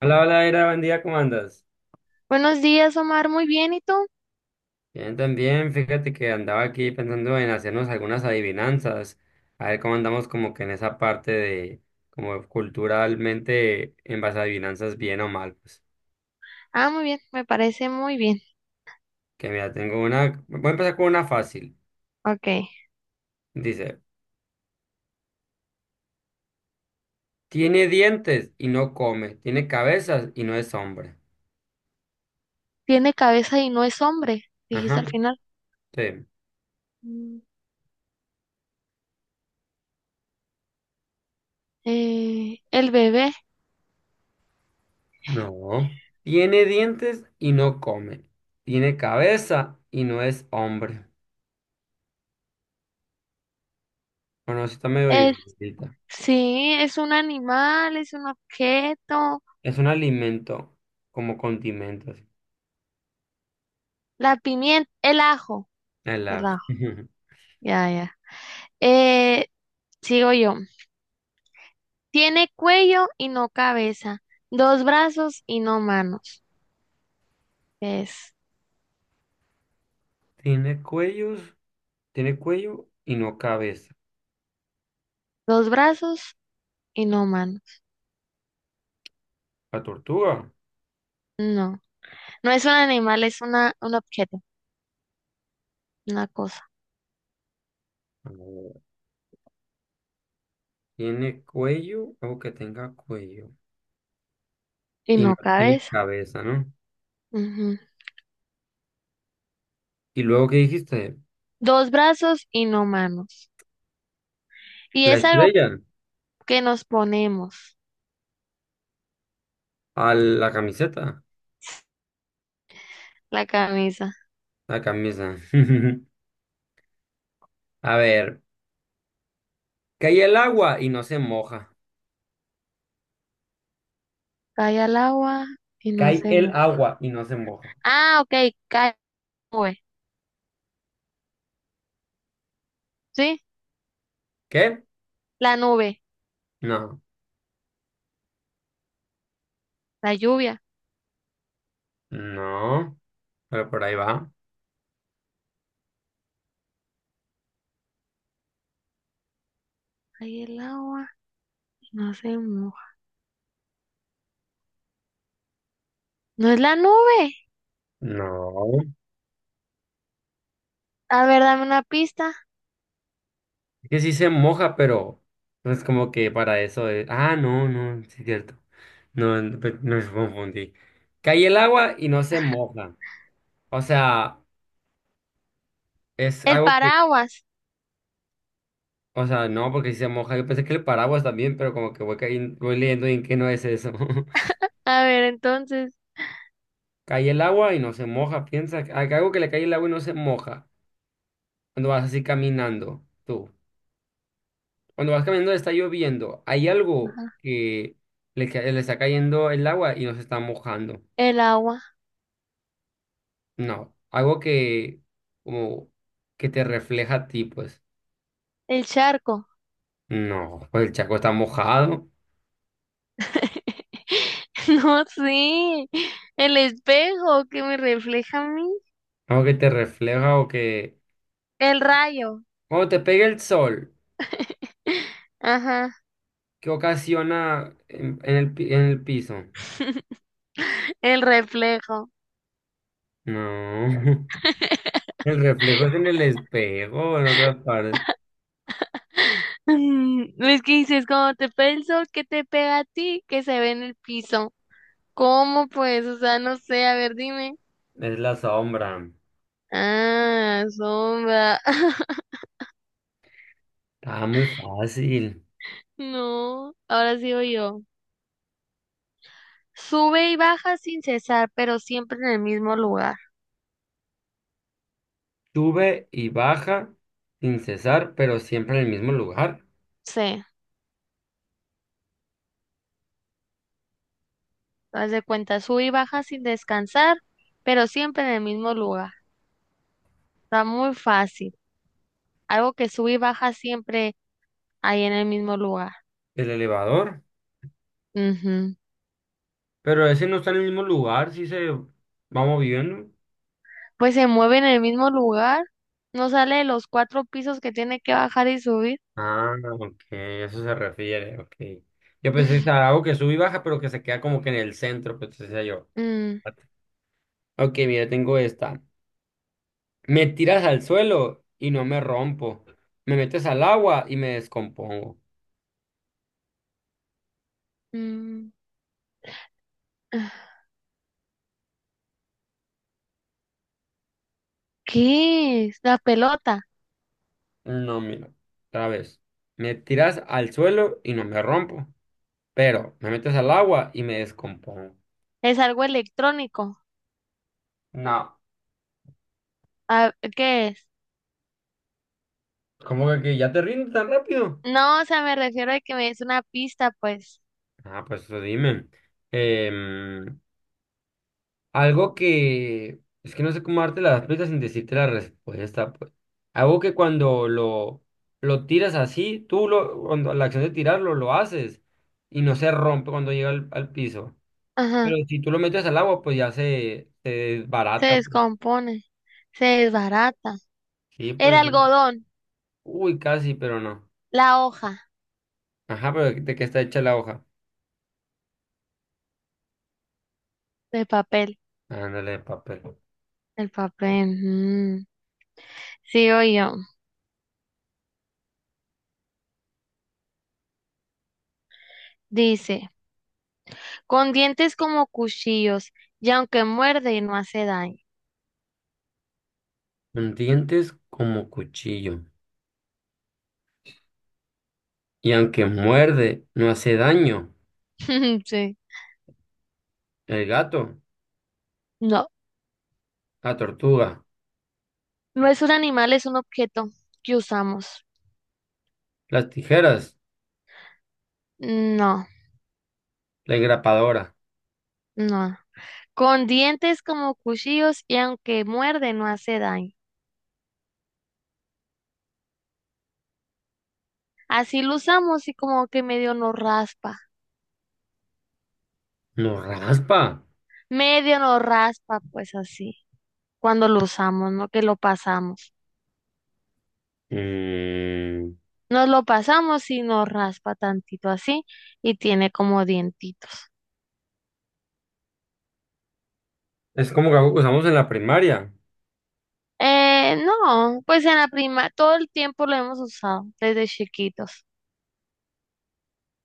Hola, hola, Ira, buen día, ¿cómo andas? Buenos días, Omar. Muy bien, ¿y tú? Bien, también, fíjate que andaba aquí pensando en hacernos algunas adivinanzas, a ver cómo andamos como que en esa parte de, como culturalmente, en base a adivinanzas, bien o mal, pues. Ah, muy bien, me parece muy bien. Que mira, tengo una, voy a empezar con una fácil. Ok. Dice, tiene dientes y no come, tiene cabezas y no es hombre. Tiene cabeza y no es hombre, dijiste Ajá, al final. sí. Mm, el bebé No. Tiene dientes y no come, tiene cabeza y no es hombre. Bueno, eso está medio es, difícil. sí, es un animal, es un objeto. Es un alimento como condimentos. La pimienta, el ajo, El el ajo. ajo. Ya, ya. Eh, sigo yo. Tiene cuello y no cabeza. Dos brazos y no manos. ¿Qué es? Tiene cuellos, tiene cuello y no cabeza. Dos brazos y no manos. La tortuga. No, no es un animal, es una, un objeto, una cosa. A ver, tiene cuello, algo que tenga cuello. Y Y no no tiene cabeza. cabeza, ¿no? Ujú. Y luego, ¿qué dijiste? Dos brazos y no manos. Y La es algo estrella. que nos ponemos, A la camiseta. la camisa. La camisa. A ver. Cae el agua y no se moja. Cae al agua y no Cae se el moja. agua y no se moja. Ah, ok, cae nube. ¿Sí? ¿Qué? La nube, No. la lluvia. No. Pero por ahí va. Cae el agua y no se moja. No es la nube. No. A ver, dame una pista. Es que sí se moja, pero no es como que para eso es. Ah, no, no, sí es cierto. No, no, no, me confundí. Cae el agua y no se moja. O sea, es El algo que. paraguas. O sea, no, porque si se moja. Yo pensé que el paraguas también, pero como que voy, voy leyendo y en qué no es eso. A ver, entonces, Cae el agua y no se moja. Piensa, algo que le cae el agua y no se moja. Cuando vas así caminando, tú. Cuando vas caminando está lloviendo. Hay algo que le está cayendo el agua y no se está mojando. el agua, No, algo que como que te refleja a ti, pues. el charco. No, pues el charco está mojado. No, sí. El espejo que me refleja a mí. Algo que te refleja o que El rayo. cuando te pega el sol, Ajá, que ocasiona en, en el piso? el reflejo. No, el reflejo es en el espejo, en otra parte. Mm, es que dices, como te pega el sol, que te pega a ti, que se ve en el piso. ¿Cómo pues? O sea, no sé, a ver, dime. Es la sombra. Ah, sombra. Está muy fácil. No, ahora sigo yo. Sube y baja sin cesar, pero siempre en el mismo lugar. Sube y baja sin cesar, pero siempre en el mismo lugar. Sí, haz de cuenta, sube y baja sin descansar, pero siempre en el mismo lugar. Está muy fácil. Algo que sube y baja siempre ahí en el mismo lugar. El elevador. Ujú. Pero ese no está en el mismo lugar, si se va moviendo. Pues se mueve en el mismo lugar, no sale de los cuatro pisos que tiene que bajar y subir. Ah, ok, a eso se refiere, ok. Yo pensé que estaba algo que sube y baja, pero que se queda como que en el centro, pues decía yo. Mm, Ok, mira, tengo esta. Me tiras al suelo y no me rompo. Me metes al agua y me descompongo. mm. ¿Qué es? La pelota. No, mira, otra vez. Me tiras al suelo y no me rompo, pero me metes al agua y me descompongo. Es algo electrónico. No, Ah, ¿qué es? ¿cómo que ya te rindes tan rápido? No, o sea, me refiero a que me des una pista, pues. Ah, pues eso dime. Em, Algo que es que no sé cómo darte las pistas sin decirte la respuesta, pues. Algo que cuando lo tiras así, tú lo, cuando la acción de tirarlo lo haces y no se rompe cuando llega al piso. Ajá. Pero si tú lo metes al agua, pues ya se Se desbarata, pues. descompone. Se desbarata. Sí, El pues. algodón. Uy, casi, pero no. La hoja Ajá, pero ¿de qué está hecha la hoja? de papel. Ándale, de papel. El papel. Mm. Sigo yo. Dice, con dientes como cuchillos, y aunque muerde no hace daño. Con dientes como cuchillo. Y aunque muerde, no hace daño. Sí. El gato, No, la tortuga. no es un animal, es un objeto que usamos. Las tijeras, No, la engrapadora. no. Con dientes como cuchillos y aunque muerde no hace daño. Así lo usamos y como que medio nos raspa. No raspa. Medio nos raspa, pues así. Cuando lo usamos, no que lo pasamos. Mm, Nos lo pasamos y nos raspa tantito así y tiene como dientitos. es como que algo que usamos en la primaria. No, pues en la prima todo el tiempo lo hemos usado desde chiquitos.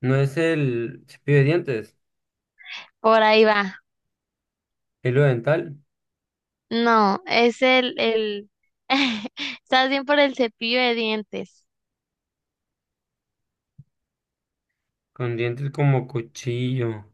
No es el cepillo de dientes, Por ahí va. el hilo dental, No, es el, estás bien por el cepillo de dientes. con dientes como cuchillo.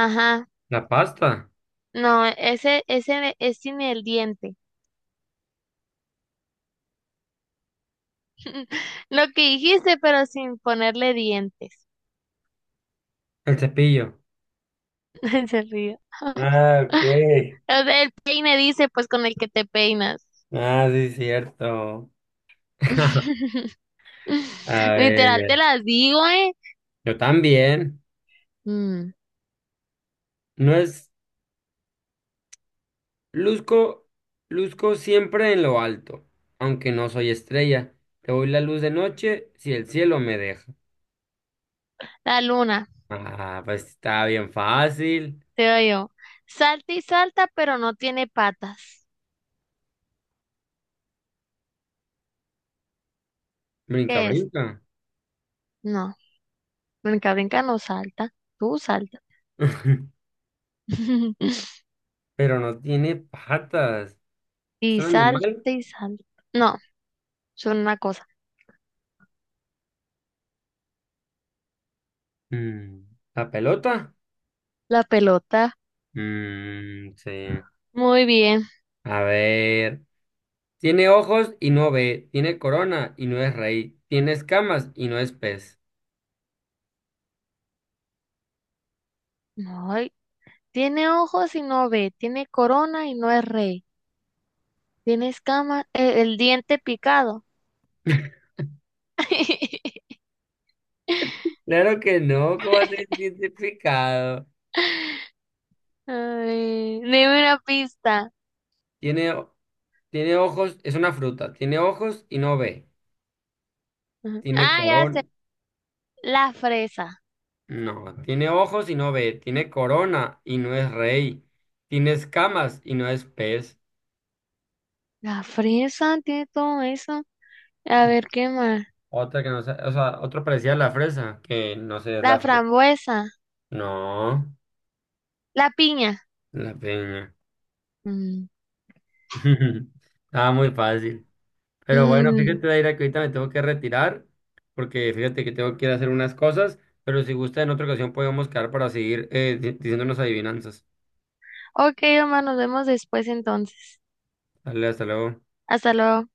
Ajá, La pasta, no, ese es sin el diente. Lo que dijiste, pero sin ponerle dientes. el cepillo. Se ríe. Ah, ok. O sea, el peine dice, pues con el que te peinas. Ah, sí, cierto. A Literal, te ver, las digo, ¿eh? yo también. Mm, No es, luzco, luzco siempre en lo alto, aunque no soy estrella. Te voy la luz de noche si el cielo me deja. la luna, Ah, pues está bien fácil. te digo yo. Salta y salta, pero no tiene patas. Brinca, ¿Qué es? brinca. No, brinca, brinca, no salta. Tú salta. Pero no tiene patas. ¿Es Y un animal? salte y salte. No, son una cosa. Mm, ¿la pelota? La pelota. Mm, sí. Muy bien. A ver. Tiene ojos y no ve. Tiene corona y no es rey. Tiene escamas y no es pez. Ay, tiene ojos y no ve. Tiene corona y no es rey. Tiene escama, el diente picado. Claro que no, ¿cómo has identificado? Ay, dime una pista. Tiene, tiene ojos, es una fruta. Tiene ojos y no ve. Ujú. Tiene Ah, ya corona. sé. La fresa. No, tiene ojos y no ve, tiene corona y no es rey, tiene escamas y no es pez. La fresa tiene todo eso. A ver, ¿qué más? Otra que no sé, o sea, otro parecía la fresa, que no sé, es La la fresa. frambuesa. No, La piña. la peña. Mm, Estaba muy fácil. Pero bueno, mm. fíjate, Daira, que ahorita me tengo que retirar, porque fíjate que tengo que ir a hacer unas cosas, pero si gusta, en otra ocasión podemos quedar para seguir diciéndonos adivinanzas. Ok, hermano, nos vemos después entonces. Dale, hasta luego. Hasta luego.